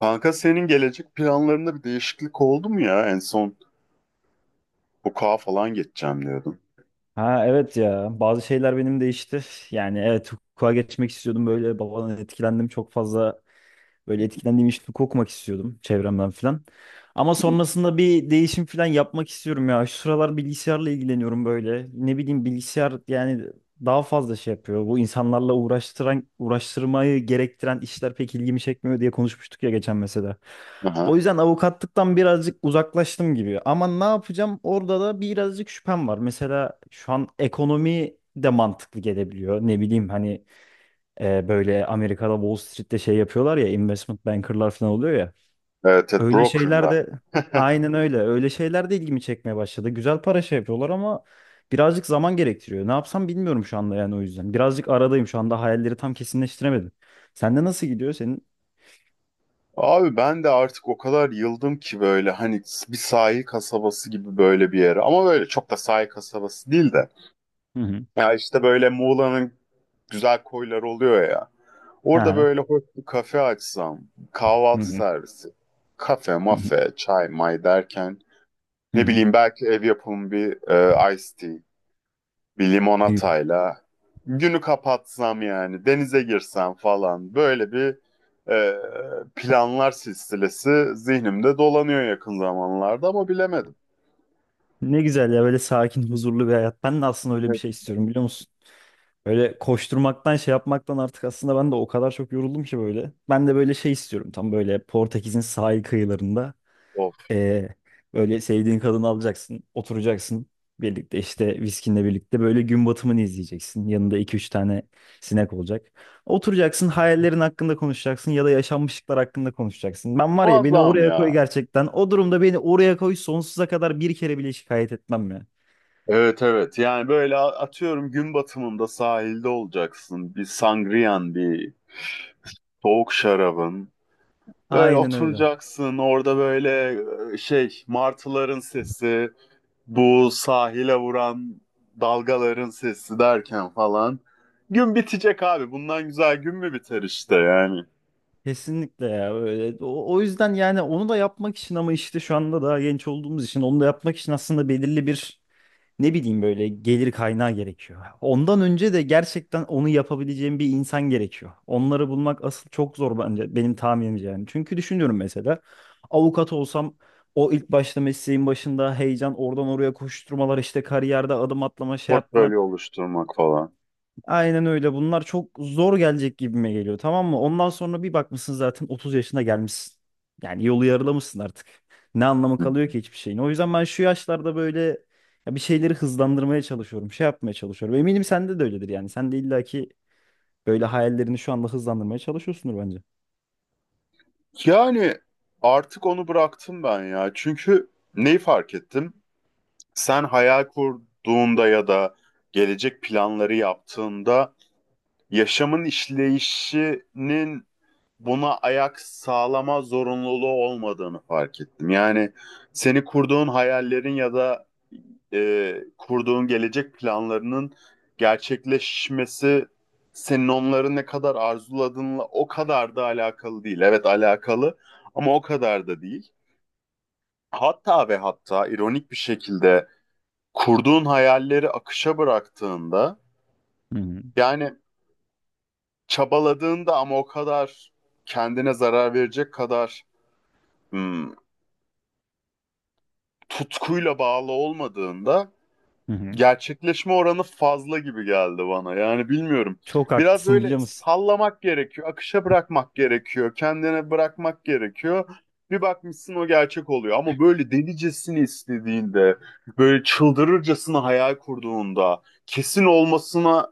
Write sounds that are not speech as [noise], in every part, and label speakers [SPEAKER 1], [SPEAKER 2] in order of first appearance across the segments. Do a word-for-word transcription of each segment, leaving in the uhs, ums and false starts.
[SPEAKER 1] Kanka senin gelecek planlarında bir değişiklik oldu mu ya? En son hukuka falan geçeceğim diyordun.
[SPEAKER 2] Ha evet ya bazı şeyler benim değişti. Yani evet hukuka geçmek istiyordum böyle babadan etkilendim çok fazla. Böyle etkilendiğim işleri okumak istiyordum çevremden falan. Ama sonrasında bir değişim falan yapmak istiyorum ya. Şu sıralar bilgisayarla ilgileniyorum böyle. Ne bileyim bilgisayar yani daha fazla şey yapıyor. Bu insanlarla uğraştıran, uğraştırmayı gerektiren işler pek ilgimi çekmiyor diye konuşmuştuk ya geçen mesela. O
[SPEAKER 1] Aha.
[SPEAKER 2] yüzden avukatlıktan birazcık uzaklaştım gibi. Ama ne yapacağım? Orada da birazcık şüphem var. Mesela şu an ekonomi de mantıklı gelebiliyor. Ne bileyim hani e, böyle Amerika'da Wall Street'te şey yapıyorlar ya investment bankerlar falan oluyor ya.
[SPEAKER 1] Evet, evet,
[SPEAKER 2] Öyle şeyler
[SPEAKER 1] brokerla.
[SPEAKER 2] de
[SPEAKER 1] [laughs]
[SPEAKER 2] aynen öyle. Öyle şeyler de ilgimi çekmeye başladı. Güzel para şey yapıyorlar ama birazcık zaman gerektiriyor. Ne yapsam bilmiyorum şu anda yani o yüzden. Birazcık aradayım şu anda hayalleri tam kesinleştiremedim. Sende nasıl gidiyor senin?
[SPEAKER 1] Abi ben de artık o kadar yıldım ki böyle hani bir sahil kasabası gibi böyle bir yere. Ama böyle çok da sahil kasabası değil de.
[SPEAKER 2] Hı hı.
[SPEAKER 1] Ya işte böyle Muğla'nın güzel koyları oluyor ya.
[SPEAKER 2] Hı
[SPEAKER 1] Orada
[SPEAKER 2] hı.
[SPEAKER 1] böyle hoş bir kafe açsam,
[SPEAKER 2] Hı
[SPEAKER 1] kahvaltı
[SPEAKER 2] hı.
[SPEAKER 1] servisi, kafe,
[SPEAKER 2] Hı hı.
[SPEAKER 1] mafe, çay, may derken
[SPEAKER 2] Hı
[SPEAKER 1] ne
[SPEAKER 2] hı.
[SPEAKER 1] bileyim belki ev yapımı bir e, iced tea. Bir
[SPEAKER 2] Ne güzel.
[SPEAKER 1] limonatayla günü kapatsam, yani denize girsem falan, böyle bir e, planlar silsilesi zihnimde dolanıyor yakın zamanlarda, ama bilemedim.
[SPEAKER 2] Ne güzel ya böyle sakin, huzurlu bir hayat. Ben de aslında öyle bir
[SPEAKER 1] Evet.
[SPEAKER 2] şey istiyorum biliyor musun? Öyle koşturmaktan şey yapmaktan artık aslında ben de o kadar çok yoruldum ki böyle. Ben de böyle şey istiyorum tam böyle Portekiz'in sahil kıyılarında
[SPEAKER 1] Of.
[SPEAKER 2] eee, böyle sevdiğin kadını alacaksın oturacaksın birlikte işte viskinle birlikte böyle gün batımını izleyeceksin. Yanında iki üç tane sinek olacak. Oturacaksın hayallerin hakkında konuşacaksın ya da yaşanmışlıklar hakkında konuşacaksın. Ben var ya beni
[SPEAKER 1] Muazzam
[SPEAKER 2] oraya koy
[SPEAKER 1] ya.
[SPEAKER 2] gerçekten o durumda beni oraya koy sonsuza kadar bir kere bile şikayet etmem ya.
[SPEAKER 1] Evet, evet, yani böyle a- atıyorum, gün batımında sahilde olacaksın, bir sangriyan, bir soğuk şarabın, böyle
[SPEAKER 2] Aynen öyle.
[SPEAKER 1] oturacaksın orada, böyle e, şey martıların sesi, bu sahile vuran dalgaların sesi derken falan. Gün bitecek abi. Bundan güzel gün mü biter işte yani.
[SPEAKER 2] Kesinlikle ya öyle. O, o yüzden yani onu da yapmak için ama işte şu anda daha genç olduğumuz için onu da yapmak için aslında belirli bir ne bileyim böyle gelir kaynağı gerekiyor. Ondan önce de gerçekten onu yapabileceğim bir insan gerekiyor. Onları bulmak asıl çok zor bence benim tahminimce yani. Çünkü düşünüyorum mesela avukat olsam o ilk başta mesleğin başında heyecan oradan oraya koşturmalar işte kariyerde adım atlama şey yapma.
[SPEAKER 1] Portföy oluşturmak falan.
[SPEAKER 2] Aynen öyle. Bunlar çok zor gelecek gibime geliyor. Tamam mı? Ondan sonra bir bakmışsın zaten otuz yaşına gelmişsin. Yani yolu yarılamışsın artık. Ne anlamı
[SPEAKER 1] Hı.
[SPEAKER 2] kalıyor ki hiçbir şeyin? O yüzden ben şu yaşlarda böyle ya bir şeyleri hızlandırmaya çalışıyorum. Şey yapmaya çalışıyorum. Eminim sende de öyledir yani. Sen de illaki böyle hayallerini şu anda hızlandırmaya çalışıyorsundur bence.
[SPEAKER 1] Yani artık onu bıraktım ben ya. Çünkü neyi fark ettim? Sen hayal kurduğunda ya da gelecek planları yaptığında, yaşamın işleyişinin buna ayak sağlama zorunluluğu olmadığını fark ettim. Yani seni kurduğun hayallerin ya da e, kurduğun gelecek planlarının gerçekleşmesi, senin onları ne kadar arzuladığınla o kadar da alakalı değil. Evet, alakalı, ama o kadar da değil. Hatta ve hatta ironik bir şekilde, kurduğun hayalleri akışa bıraktığında,
[SPEAKER 2] Hı hı.
[SPEAKER 1] yani çabaladığında ama o kadar kendine zarar verecek kadar hmm, tutkuyla bağlı olmadığında,
[SPEAKER 2] Hı hı.
[SPEAKER 1] gerçekleşme oranı fazla gibi geldi bana. Yani bilmiyorum.
[SPEAKER 2] Çok
[SPEAKER 1] Biraz
[SPEAKER 2] haklısın
[SPEAKER 1] böyle
[SPEAKER 2] biliyor musun?
[SPEAKER 1] sallamak gerekiyor, akışa bırakmak gerekiyor, kendine bırakmak gerekiyor. Bir bakmışsın o gerçek oluyor, ama böyle delicesini istediğinde, böyle çıldırırcasına hayal kurduğunda, kesin olmasına,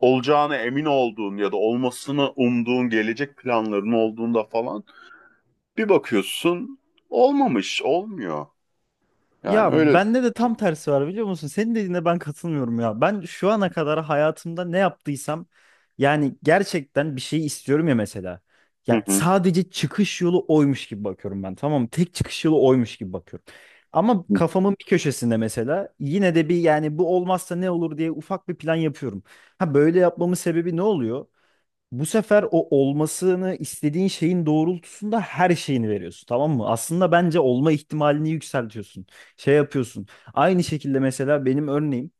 [SPEAKER 1] olacağına emin olduğun ya da olmasını umduğun gelecek planların olduğunda falan, bir bakıyorsun olmamış, olmuyor. Yani
[SPEAKER 2] Ya
[SPEAKER 1] öyle.
[SPEAKER 2] bende de tam tersi var biliyor musun? Senin dediğine ben katılmıyorum ya. Ben şu ana kadar hayatımda ne yaptıysam yani gerçekten bir şey istiyorum ya mesela.
[SPEAKER 1] Hı
[SPEAKER 2] Ya
[SPEAKER 1] hı.
[SPEAKER 2] sadece çıkış yolu oymuş gibi bakıyorum ben. Tamam mı? Tek çıkış yolu oymuş gibi bakıyorum. Ama kafamın bir köşesinde mesela yine de bir yani bu olmazsa ne olur diye ufak bir plan yapıyorum. Ha böyle yapmamın sebebi ne oluyor? Bu sefer o olmasını istediğin şeyin doğrultusunda her şeyini veriyorsun, tamam mı? Aslında bence olma ihtimalini yükseltiyorsun. Şey yapıyorsun. Aynı şekilde mesela benim örneğim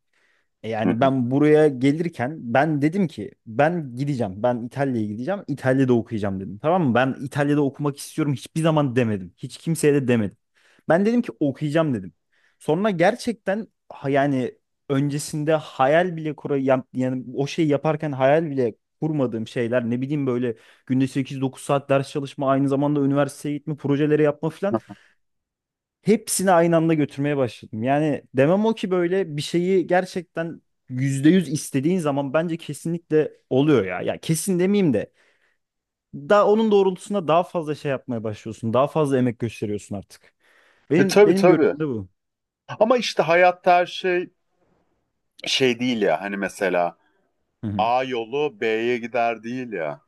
[SPEAKER 2] e,
[SPEAKER 1] Hı
[SPEAKER 2] yani
[SPEAKER 1] hı.
[SPEAKER 2] ben buraya gelirken ben dedim ki ben gideceğim. Ben İtalya'ya gideceğim. İtalya'da okuyacağım dedim. Tamam mı? Ben İtalya'da okumak istiyorum hiçbir zaman demedim. Hiç kimseye de demedim. Ben dedim ki okuyacağım dedim. Sonra gerçekten ha- yani öncesinde hayal bile kura ya- yani o şeyi yaparken hayal bile kurmadığım şeyler ne bileyim böyle günde sekiz dokuz saat ders çalışma aynı zamanda üniversiteye gitme projeleri yapma filan. Hepsini aynı anda götürmeye başladım. Yani demem o ki böyle bir şeyi gerçekten yüzde yüz istediğin zaman bence kesinlikle oluyor ya. Ya kesin demeyeyim de daha onun doğrultusunda daha fazla şey yapmaya başlıyorsun. Daha fazla emek gösteriyorsun artık.
[SPEAKER 1] E
[SPEAKER 2] Benim
[SPEAKER 1] tabii,
[SPEAKER 2] benim
[SPEAKER 1] tabii.
[SPEAKER 2] görüşüm de bu.
[SPEAKER 1] Ama işte hayatta her şey şey değil ya. Hani mesela
[SPEAKER 2] Hı hı.
[SPEAKER 1] A yolu B'ye gider değil ya.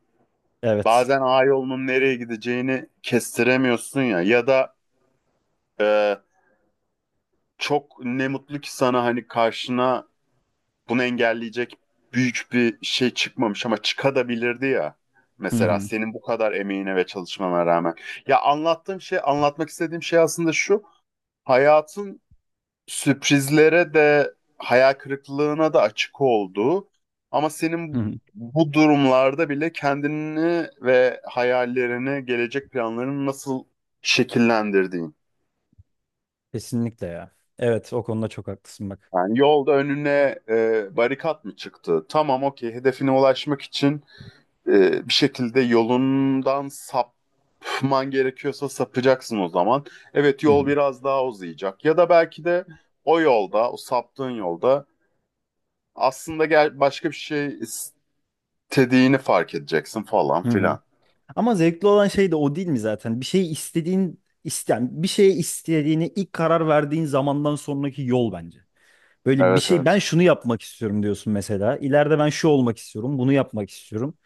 [SPEAKER 2] Evet.
[SPEAKER 1] Bazen A yolunun nereye gideceğini kestiremiyorsun ya. Ya da e, çok ne mutlu ki sana, hani karşına bunu engelleyecek büyük bir şey çıkmamış, ama çıkabilirdi ya.
[SPEAKER 2] Hı
[SPEAKER 1] Mesela
[SPEAKER 2] hı.
[SPEAKER 1] senin bu kadar emeğine ve çalışmana rağmen. Ya anlattığım şey, anlatmak istediğim şey aslında şu. Hayatın sürprizlere de hayal kırıklığına da açık olduğu, ama
[SPEAKER 2] Hı hı.
[SPEAKER 1] senin bu durumlarda bile kendini ve hayallerini, gelecek planlarını nasıl şekillendirdiğin.
[SPEAKER 2] Kesinlikle ya. Evet o konuda çok haklısın bak.
[SPEAKER 1] Yani yolda önüne e, barikat mı çıktı? Tamam, okey, hedefine ulaşmak için e, bir şekilde yolundan sapman gerekiyorsa sapacaksın o zaman. Evet,
[SPEAKER 2] Hı
[SPEAKER 1] yol
[SPEAKER 2] hı.
[SPEAKER 1] biraz daha uzayacak, ya da belki de o yolda, o saptığın yolda aslında gel başka bir şey istediğini fark edeceksin falan
[SPEAKER 2] Hı hı.
[SPEAKER 1] filan.
[SPEAKER 2] Ama zevkli olan şey de o değil mi zaten? Bir şeyi istediğin isteyen, bir şeye istediğini ilk karar verdiğin zamandan sonraki yol bence. Böyle bir
[SPEAKER 1] Evet,
[SPEAKER 2] şey ben
[SPEAKER 1] evet.
[SPEAKER 2] şunu yapmak istiyorum diyorsun mesela. İleride ben şu olmak istiyorum, bunu yapmak istiyorum.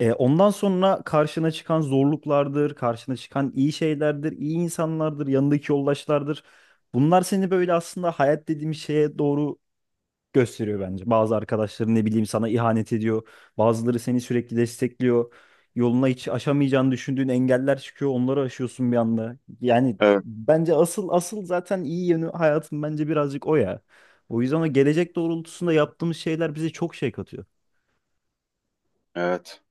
[SPEAKER 2] E, ondan sonra karşına çıkan zorluklardır, karşına çıkan iyi şeylerdir, iyi insanlardır, yanındaki yoldaşlardır. Bunlar seni böyle aslında hayat dediğim şeye doğru gösteriyor bence. Bazı arkadaşların ne bileyim sana ihanet ediyor. Bazıları seni sürekli destekliyor. Yoluna hiç aşamayacağını düşündüğün engeller çıkıyor. Onları aşıyorsun bir anda. Yani
[SPEAKER 1] Evet,
[SPEAKER 2] bence asıl asıl zaten iyi yönü hayatın bence birazcık o ya. O yüzden o gelecek doğrultusunda yaptığımız şeyler bize çok şey katıyor.
[SPEAKER 1] evet.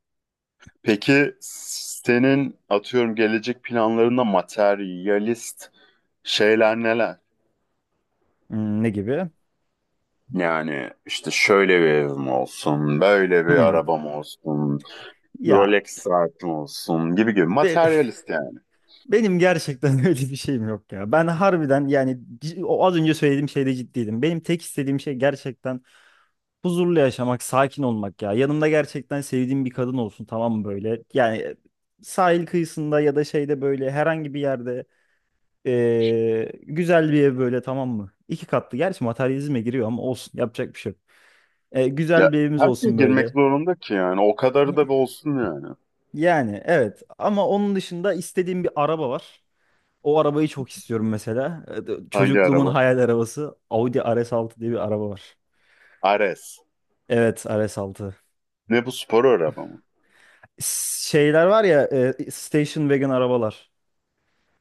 [SPEAKER 1] Peki senin atıyorum gelecek planlarında materyalist şeyler neler?
[SPEAKER 2] Hmm, ne gibi?
[SPEAKER 1] Yani işte şöyle bir evim olsun, böyle bir
[SPEAKER 2] Hmm.
[SPEAKER 1] arabam olsun,
[SPEAKER 2] Ya
[SPEAKER 1] Rolex saatim olsun gibi gibi,
[SPEAKER 2] be-
[SPEAKER 1] materyalist yani.
[SPEAKER 2] [laughs] benim gerçekten [laughs] öyle bir şeyim yok ya. Ben harbiden yani c- o az önce söylediğim şeyde ciddiydim. Benim tek istediğim şey gerçekten huzurlu yaşamak, sakin olmak ya. Yanımda gerçekten sevdiğim bir kadın olsun tamam mı böyle? Yani sahil kıyısında ya da şeyde böyle herhangi bir yerde eee, güzel bir ev böyle tamam mı? İki katlı. Gerçi materyalizme giriyor ama olsun yapacak bir şey yok. E,
[SPEAKER 1] Ya
[SPEAKER 2] güzel bir evimiz
[SPEAKER 1] her şey
[SPEAKER 2] olsun
[SPEAKER 1] girmek
[SPEAKER 2] böyle.
[SPEAKER 1] zorunda ki yani, o kadarı da bir
[SPEAKER 2] [laughs]
[SPEAKER 1] olsun yani.
[SPEAKER 2] Yani evet ama onun dışında istediğim bir araba var. O arabayı çok istiyorum mesela. E,
[SPEAKER 1] Hangi
[SPEAKER 2] Çocukluğumun
[SPEAKER 1] araba?
[SPEAKER 2] hayal arabası audi r s altı diye bir araba var.
[SPEAKER 1] Ares.
[SPEAKER 2] Evet r s altı
[SPEAKER 1] Ne, bu spor araba mı?
[SPEAKER 2] şeyler var ya e, station wagon arabalar.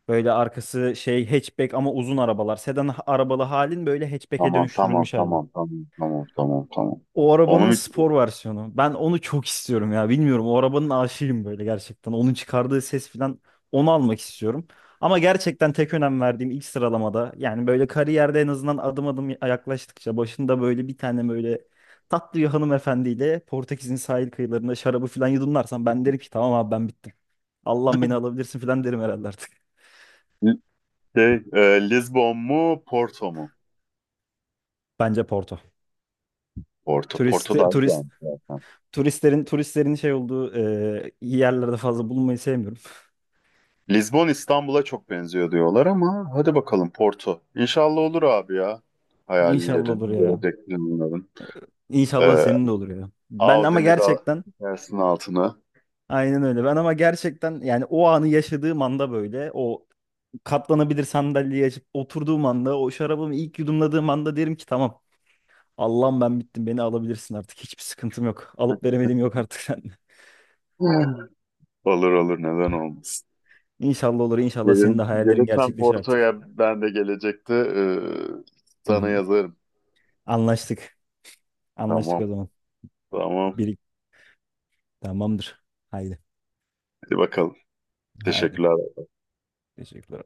[SPEAKER 2] Böyle arkası şey hatchback ama uzun arabalar. Sedan ha- arabalı halin böyle hatchback'e
[SPEAKER 1] Tamam, tamam,
[SPEAKER 2] dönüştürülmüş hali.
[SPEAKER 1] tamam, tamam, tamam, tamam, tamam.
[SPEAKER 2] O
[SPEAKER 1] Onu
[SPEAKER 2] arabanın
[SPEAKER 1] mu?
[SPEAKER 2] spor versiyonu. Ben onu çok istiyorum ya. Bilmiyorum o arabanın aşığıyım böyle gerçekten. Onun çıkardığı ses falan onu almak istiyorum. Ama gerçekten tek önem verdiğim ilk sıralamada yani böyle kariyerde en azından adım adım yaklaştıkça başında böyle bir tane böyle tatlı bir hanımefendiyle Portekiz'in sahil kıyılarında şarabı falan yudumlarsam ben derim ki tamam abi ben bittim. Allah beni alabilirsin falan derim herhalde artık.
[SPEAKER 1] Şey, e, Lisbon mu Porto mu?
[SPEAKER 2] Bence Porto.
[SPEAKER 1] Porto. Porto
[SPEAKER 2] Turist,
[SPEAKER 1] daha
[SPEAKER 2] turist,
[SPEAKER 1] güzelmiş zaten.
[SPEAKER 2] turistlerin turistlerin şey olduğu e, yerlerde fazla bulunmayı sevmiyorum.
[SPEAKER 1] Lisbon İstanbul'a çok benziyor diyorlar, ama hadi bakalım Porto. İnşallah olur abi ya.
[SPEAKER 2] [laughs] İnşallah olur
[SPEAKER 1] Hayallerin,
[SPEAKER 2] ya.
[SPEAKER 1] gelecek planların.
[SPEAKER 2] İnşallah
[SPEAKER 1] E,
[SPEAKER 2] senin de olur ya. Ben ama
[SPEAKER 1] Audi'ni de
[SPEAKER 2] gerçekten
[SPEAKER 1] çekersin altına.
[SPEAKER 2] aynen öyle. Ben ama gerçekten yani o anı yaşadığım anda böyle o katlanabilir sandalyeyi açıp oturduğum anda o şarabımı ilk yudumladığım anda derim ki tamam. Allah'ım ben bittim beni alabilirsin artık hiçbir sıkıntım yok. Alıp veremediğim yok artık [laughs] sende.
[SPEAKER 1] [laughs] Olur, olur, neden olmasın.
[SPEAKER 2] İnşallah olur inşallah senin de
[SPEAKER 1] Gelirim,
[SPEAKER 2] hayallerin
[SPEAKER 1] gelirsen
[SPEAKER 2] gerçekleşir artık.
[SPEAKER 1] Porto'ya ben de gelecekte, e,
[SPEAKER 2] Hı
[SPEAKER 1] sana
[SPEAKER 2] hı.
[SPEAKER 1] yazarım.
[SPEAKER 2] Anlaştık. Anlaştık
[SPEAKER 1] Tamam,
[SPEAKER 2] o zaman.
[SPEAKER 1] tamam.
[SPEAKER 2] Bir, tamamdır. Haydi.
[SPEAKER 1] Hadi bakalım.
[SPEAKER 2] Haydi.
[SPEAKER 1] Teşekkürler.
[SPEAKER 2] Teşekkürler.